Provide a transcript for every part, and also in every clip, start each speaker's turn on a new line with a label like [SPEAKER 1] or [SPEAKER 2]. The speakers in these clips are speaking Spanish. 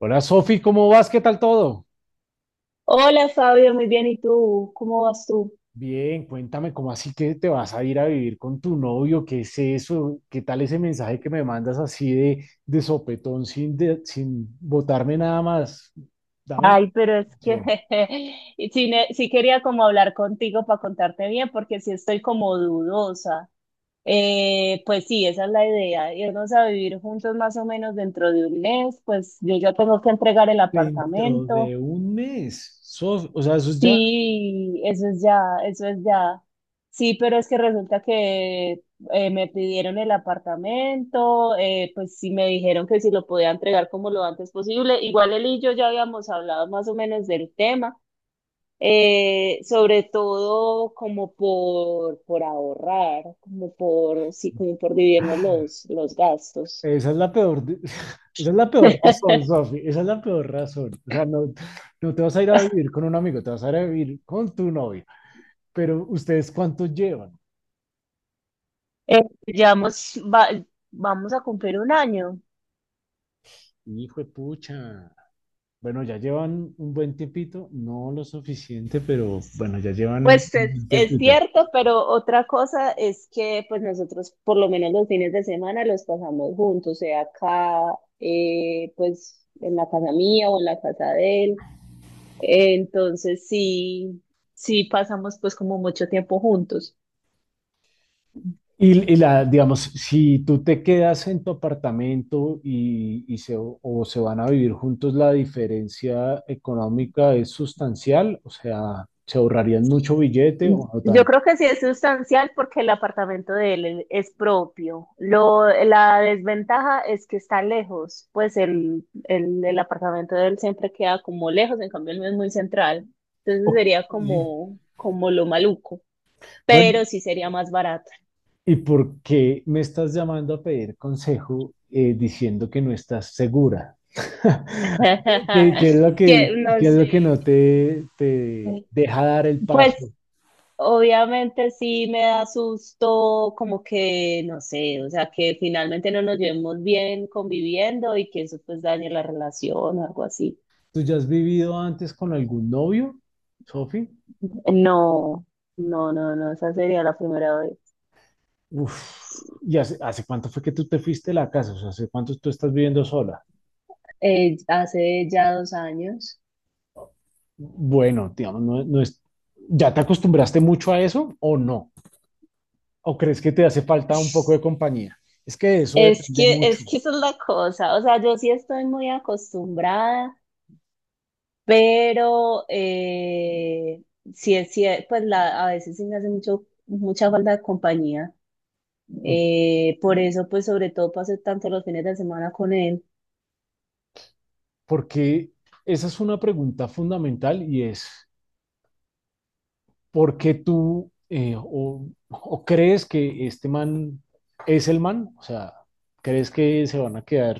[SPEAKER 1] Hola Sofi, ¿cómo vas? ¿Qué tal todo?
[SPEAKER 2] Hola Fabio, muy bien. ¿Y tú? ¿Cómo vas tú?
[SPEAKER 1] Bien, cuéntame, ¿cómo así que te vas a ir a vivir con tu novio? ¿Qué es eso? ¿Qué tal ese mensaje que me mandas así de sopetón sin botarme nada más? Dame
[SPEAKER 2] Ay, pero es que
[SPEAKER 1] información.
[SPEAKER 2] y sí, sí quería como hablar contigo para contarte bien, porque sí estoy como dudosa. Pues sí, esa es la idea, irnos a vivir juntos más o menos dentro de un mes, pues yo ya tengo que entregar el
[SPEAKER 1] Dentro
[SPEAKER 2] apartamento.
[SPEAKER 1] de un mes, Sofi, o sea, eso es ya,
[SPEAKER 2] Sí, eso es ya, eso es ya. Sí, pero es que resulta que me pidieron el apartamento, pues sí me dijeron que si lo podía entregar como lo antes posible. Igual él y yo ya habíamos hablado más o menos del tema, sobre todo como por, ahorrar, como por, sí, como por dividirnos los gastos.
[SPEAKER 1] esa es la peor, de- esa es la peor razón, Sofi, esa es la peor razón. O sea, no, no te vas a ir a vivir con un amigo, te vas a ir a vivir con tu novio. Pero, ¿ustedes cuánto llevan?
[SPEAKER 2] Eh, llevamos, va- vamos a cumplir un año.
[SPEAKER 1] Hijo de pucha. Bueno, ya llevan un buen tiempito, no lo suficiente, pero bueno, ya llevan un
[SPEAKER 2] Pues
[SPEAKER 1] buen
[SPEAKER 2] es
[SPEAKER 1] tiempito.
[SPEAKER 2] cierto, pero otra cosa es que pues nosotros por lo menos los fines de semana los pasamos juntos, sea acá, pues en la casa mía o en la casa de él. Entonces sí, sí pasamos pues como mucho tiempo juntos.
[SPEAKER 1] Y digamos, si tú te quedas en tu apartamento y o se van a vivir juntos, la diferencia económica es sustancial, o sea, se ahorrarían mucho billete o no
[SPEAKER 2] Yo
[SPEAKER 1] tanto.
[SPEAKER 2] creo que sí es sustancial porque el apartamento de él es propio. La desventaja es que está lejos, pues el, el apartamento de él siempre queda como lejos, en cambio el mío es muy central. Entonces
[SPEAKER 1] Ok.
[SPEAKER 2] sería como lo maluco,
[SPEAKER 1] Bueno,
[SPEAKER 2] pero sí sería más barato.
[SPEAKER 1] ¿y por qué me estás llamando a pedir consejo diciendo que no estás segura? ¿Qué es lo
[SPEAKER 2] Que
[SPEAKER 1] que,
[SPEAKER 2] no
[SPEAKER 1] qué es lo
[SPEAKER 2] sé.
[SPEAKER 1] que no te deja dar el
[SPEAKER 2] Pues
[SPEAKER 1] paso?
[SPEAKER 2] obviamente sí me da susto como que, no sé, o sea, que finalmente no nos llevemos bien conviviendo y que eso pues dañe la relación o algo así.
[SPEAKER 1] ¿Tú ya has vivido antes con algún novio, Sofi?
[SPEAKER 2] No, no, no, no, esa sería la primera vez.
[SPEAKER 1] Uf, ¿y hace cuánto fue que tú te fuiste de la casa? O sea, ¿hace cuánto tú estás viviendo sola?
[SPEAKER 2] Hace ya 2 años.
[SPEAKER 1] Bueno, digamos, no, no es, ¿ya te acostumbraste mucho a eso o no? ¿O crees que te hace falta un poco de compañía? Es que de eso
[SPEAKER 2] Es
[SPEAKER 1] depende
[SPEAKER 2] que,
[SPEAKER 1] mucho,
[SPEAKER 2] es que esa es la cosa, o sea, yo sí estoy muy acostumbrada, pero sí es cier- pues la, a veces sí me hace mucha falta de compañía.
[SPEAKER 1] ¿no?
[SPEAKER 2] Por eso, pues sobre todo pasé tanto los fines de semana con él.
[SPEAKER 1] Porque esa es una pregunta fundamental y es... ¿por qué tú o crees que este man es el man? O sea, ¿crees que se van a quedar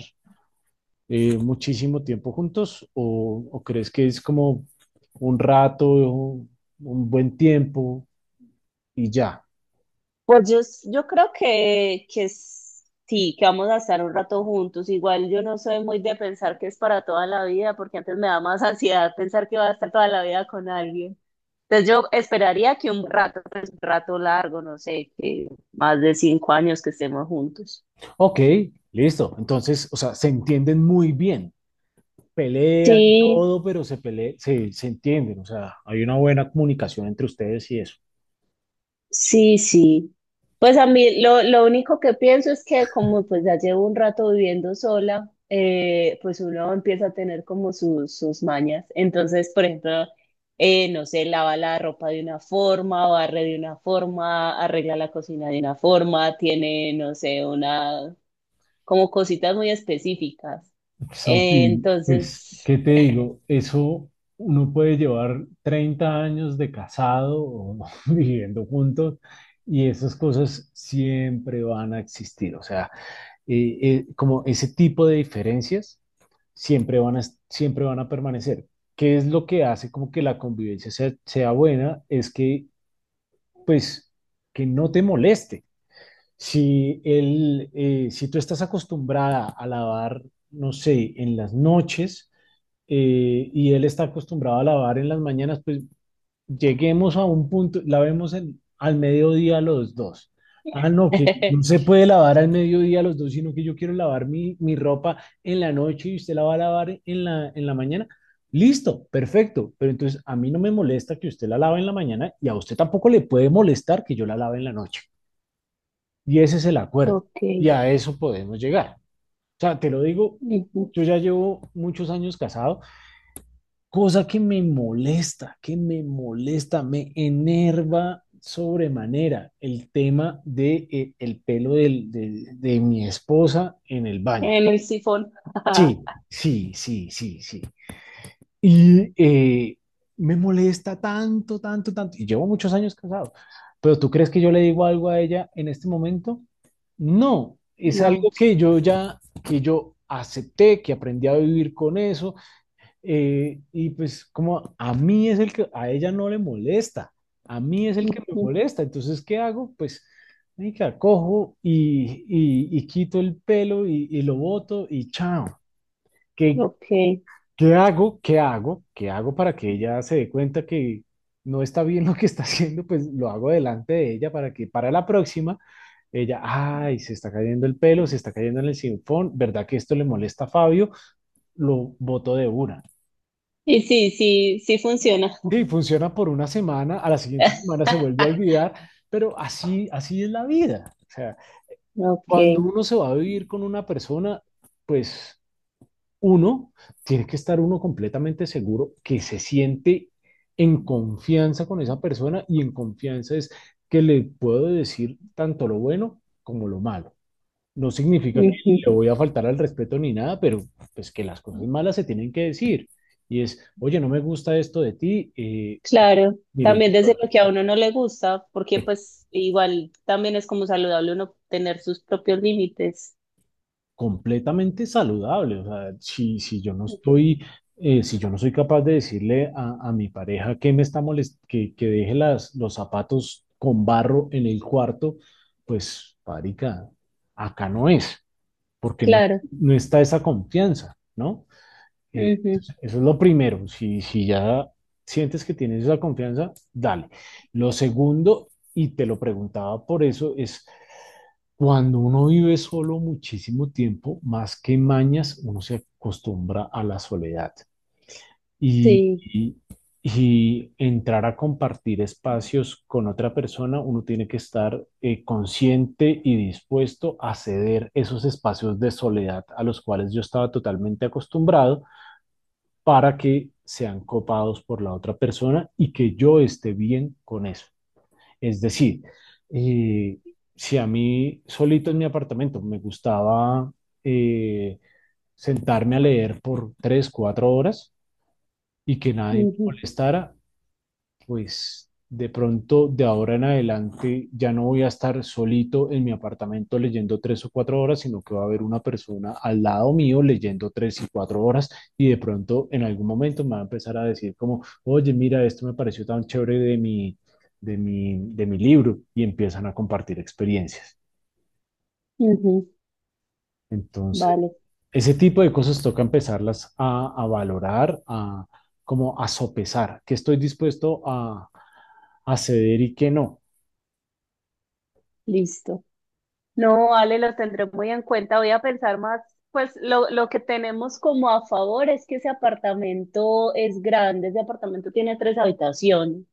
[SPEAKER 1] muchísimo tiempo juntos o crees que es como un rato, un buen tiempo y ya?
[SPEAKER 2] Pues yo creo que sí, que vamos a estar un rato juntos. Igual yo no soy muy de pensar que es para toda la vida, porque antes me da más ansiedad pensar que va a estar toda la vida con alguien. Entonces yo esperaría que un rato, pues un rato largo, no sé, que más de 5 años que estemos juntos.
[SPEAKER 1] Ok, listo. Entonces, o sea, se entienden muy bien. Pelean
[SPEAKER 2] Sí,
[SPEAKER 1] todo, pero se entienden. O sea, hay una buena comunicación entre ustedes y eso.
[SPEAKER 2] sí, sí. Pues a mí lo único que pienso es que como pues ya llevo un rato viviendo sola, pues uno empieza a tener como sus, mañas. Entonces, por ejemplo, no sé, lava la ropa de una forma, barre de una forma, arregla la cocina de una forma, tiene, no sé, una, como cositas muy específicas. Eh,
[SPEAKER 1] Sofi, pues,
[SPEAKER 2] entonces,
[SPEAKER 1] ¿qué te digo? Eso uno puede llevar 30 años de casado o viviendo juntos y esas cosas siempre van a existir. O sea, como ese tipo de diferencias siempre van a, siempre van a permanecer. ¿Qué es lo que hace como que la convivencia sea, sea buena? Es que, pues, que no te moleste. Si tú estás acostumbrada a lavar, no sé, en las noches, y él está acostumbrado a lavar en las mañanas, pues lleguemos a un punto, lavemos al mediodía los dos. Ah, no, que no se puede lavar al mediodía los dos, sino que yo quiero lavar mi ropa en la noche y usted la va a lavar en la mañana. Listo, perfecto, pero entonces a mí no me molesta que usted la lave en la mañana y a usted tampoco le puede molestar que yo la lave en la noche. Y ese es el acuerdo.
[SPEAKER 2] ok.
[SPEAKER 1] Y a eso podemos llegar. O sea, te lo digo,
[SPEAKER 2] Ujú.
[SPEAKER 1] yo ya llevo muchos años casado, cosa que me molesta, me enerva sobremanera el tema de, el pelo de mi esposa en el baño.
[SPEAKER 2] En el sifón.
[SPEAKER 1] Sí, sí, sí, sí, sí. Y me molesta tanto, tanto, tanto. Y llevo muchos años casado. Pero ¿tú crees que yo le digo algo a ella en este momento? No, es
[SPEAKER 2] No.
[SPEAKER 1] algo que yo ya, que yo acepté, que aprendí a vivir con eso, y pues como a mí es el que a ella no le molesta, a mí es el que me
[SPEAKER 2] Ujú.
[SPEAKER 1] molesta, entonces ¿qué hago? Pues marica, cojo y quito el pelo y lo boto y chao. ¿Qué,
[SPEAKER 2] Ok.
[SPEAKER 1] qué hago? ¿Qué hago? ¿Qué hago para que ella se dé cuenta que no está bien lo que está haciendo? Pues lo hago delante de ella para que para la próxima ella, ay, se está cayendo el pelo, se está cayendo en el sinfón, ¿verdad que esto le molesta a Fabio? Lo boto de una.
[SPEAKER 2] Y sí, sí, sí funciona.
[SPEAKER 1] Sí, funciona por una semana, a la siguiente semana se vuelve a olvidar, pero así, así es la vida. O sea,
[SPEAKER 2] Ok.
[SPEAKER 1] cuando uno se va a vivir con una persona, pues uno tiene que estar uno completamente seguro que se siente en confianza con esa persona y en confianza es que le puedo decir tanto lo bueno como lo malo. No significa que le
[SPEAKER 2] Ujú.
[SPEAKER 1] voy a faltar al respeto ni nada, pero pues que las cosas malas se tienen que decir. Y es, oye, no me gusta esto de ti,
[SPEAKER 2] Claro,
[SPEAKER 1] mire,
[SPEAKER 2] también
[SPEAKER 1] pues,
[SPEAKER 2] desde lo que a uno no le gusta, porque
[SPEAKER 1] eh,
[SPEAKER 2] pues igual también es como saludable uno tener sus propios límites.
[SPEAKER 1] completamente saludable. O sea, si, si yo no estoy, si yo no soy capaz de decirle a mi pareja que me está molest que deje las, los zapatos con barro en el cuarto, pues, marica, acá no es, porque no,
[SPEAKER 2] Claro.
[SPEAKER 1] no está esa confianza, ¿no?
[SPEAKER 2] Ujú.
[SPEAKER 1] Entonces, eso es lo primero. Si, si ya sientes que tienes esa confianza, dale. Lo segundo, y te lo preguntaba por eso, es cuando uno vive solo muchísimo tiempo, más que mañas, uno se acostumbra a la soledad, y,
[SPEAKER 2] Sí.
[SPEAKER 1] y- y entrar a compartir espacios con otra persona, uno tiene que estar consciente y dispuesto a ceder esos espacios de soledad a los cuales yo estaba totalmente acostumbrado para que sean copados por la otra persona y que yo esté bien con eso. Es decir, eh, si a mí solito en mi apartamento me gustaba eh, sentarme a leer por tres, cuatro horas y que nadie me
[SPEAKER 2] Ujú.
[SPEAKER 1] molestara, pues de pronto de ahora en adelante ya no voy a estar solito en mi apartamento leyendo tres o cuatro horas, sino que va a haber una persona al lado mío leyendo tres y cuatro horas y de pronto en algún momento me va a empezar a decir como, oye, mira, esto me pareció tan chévere de mi libro y empiezan a compartir experiencias.
[SPEAKER 2] Ujú.
[SPEAKER 1] Entonces,
[SPEAKER 2] Vale,
[SPEAKER 1] ese tipo de cosas toca empezarlas a valorar, a como a sopesar, que estoy dispuesto a ceder y que no.
[SPEAKER 2] listo. No, vale, lo tendré muy en cuenta. Voy a pensar más, pues lo que tenemos como a favor es que ese apartamento es grande, ese apartamento tiene tres habitaciones.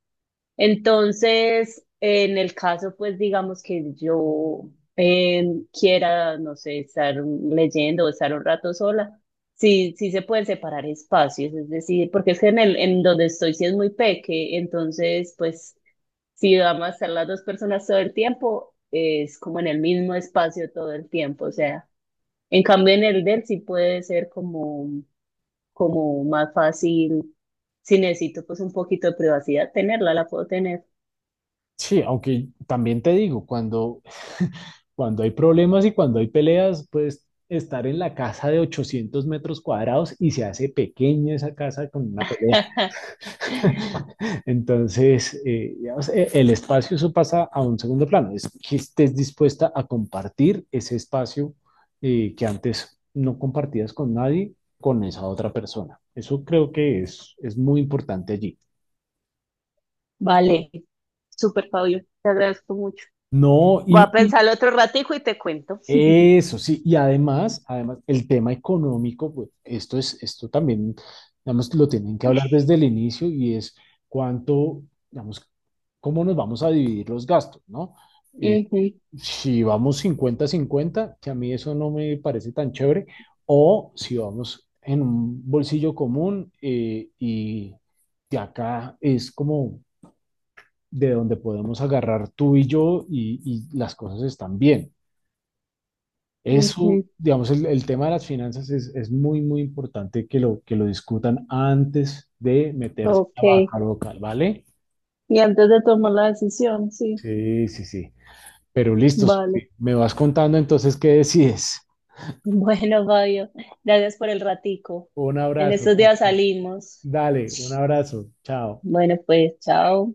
[SPEAKER 2] Entonces, en el caso, pues digamos que yo eh, quiera, no sé, estar leyendo o estar un rato sola, sí, sí se pueden separar espacios, es decir, porque es que en el, en donde estoy sí es muy peque, entonces, pues si vamos a estar las dos personas todo el tiempo, es como en el mismo espacio todo el tiempo, o sea, en cambio en el del sí puede ser como, como más fácil, si necesito pues un poquito de privacidad tenerla, la puedo tener.
[SPEAKER 1] Sí, aunque también te digo, cuando hay problemas y cuando hay peleas, pues estar en la casa de 800 metros cuadrados y se hace pequeña esa casa con una pelea. Entonces, digamos, el espacio, eso pasa a un segundo plano, es que estés dispuesta a compartir ese espacio que antes no compartías con nadie, con esa otra persona. Eso creo que es muy importante allí.
[SPEAKER 2] Vale, súper Fabio, te agradezco mucho.
[SPEAKER 1] No,
[SPEAKER 2] Voy a
[SPEAKER 1] y,
[SPEAKER 2] pensarlo otro ratico y te cuento.
[SPEAKER 1] eso sí, y además, además, el tema económico, pues esto también, digamos, lo tienen que hablar desde el inicio y es cuánto, digamos, cómo nos vamos a dividir los gastos, ¿no? Eh,
[SPEAKER 2] Ujú,
[SPEAKER 1] si vamos 50/50, que a mí eso no me parece tan chévere, o si vamos en un bolsillo común, y de acá es como de donde podemos agarrar tú y yo y las cosas están bien. Eso,
[SPEAKER 2] ujú,
[SPEAKER 1] digamos, el tema de las finanzas es muy, muy importante que que lo discutan antes de meterse
[SPEAKER 2] ok.
[SPEAKER 1] a la vaca local, ¿vale?
[SPEAKER 2] Y antes de tomar la decisión, sí.
[SPEAKER 1] Sí, sí, sí. Pero listo,
[SPEAKER 2] Vale.
[SPEAKER 1] Sofi, me vas contando entonces qué decides.
[SPEAKER 2] Bueno, Fabio, gracias por el ratico.
[SPEAKER 1] Un
[SPEAKER 2] En
[SPEAKER 1] abrazo.
[SPEAKER 2] estos días
[SPEAKER 1] Cristian.
[SPEAKER 2] salimos.
[SPEAKER 1] Dale, un abrazo. Chao.
[SPEAKER 2] Bueno, pues, chao.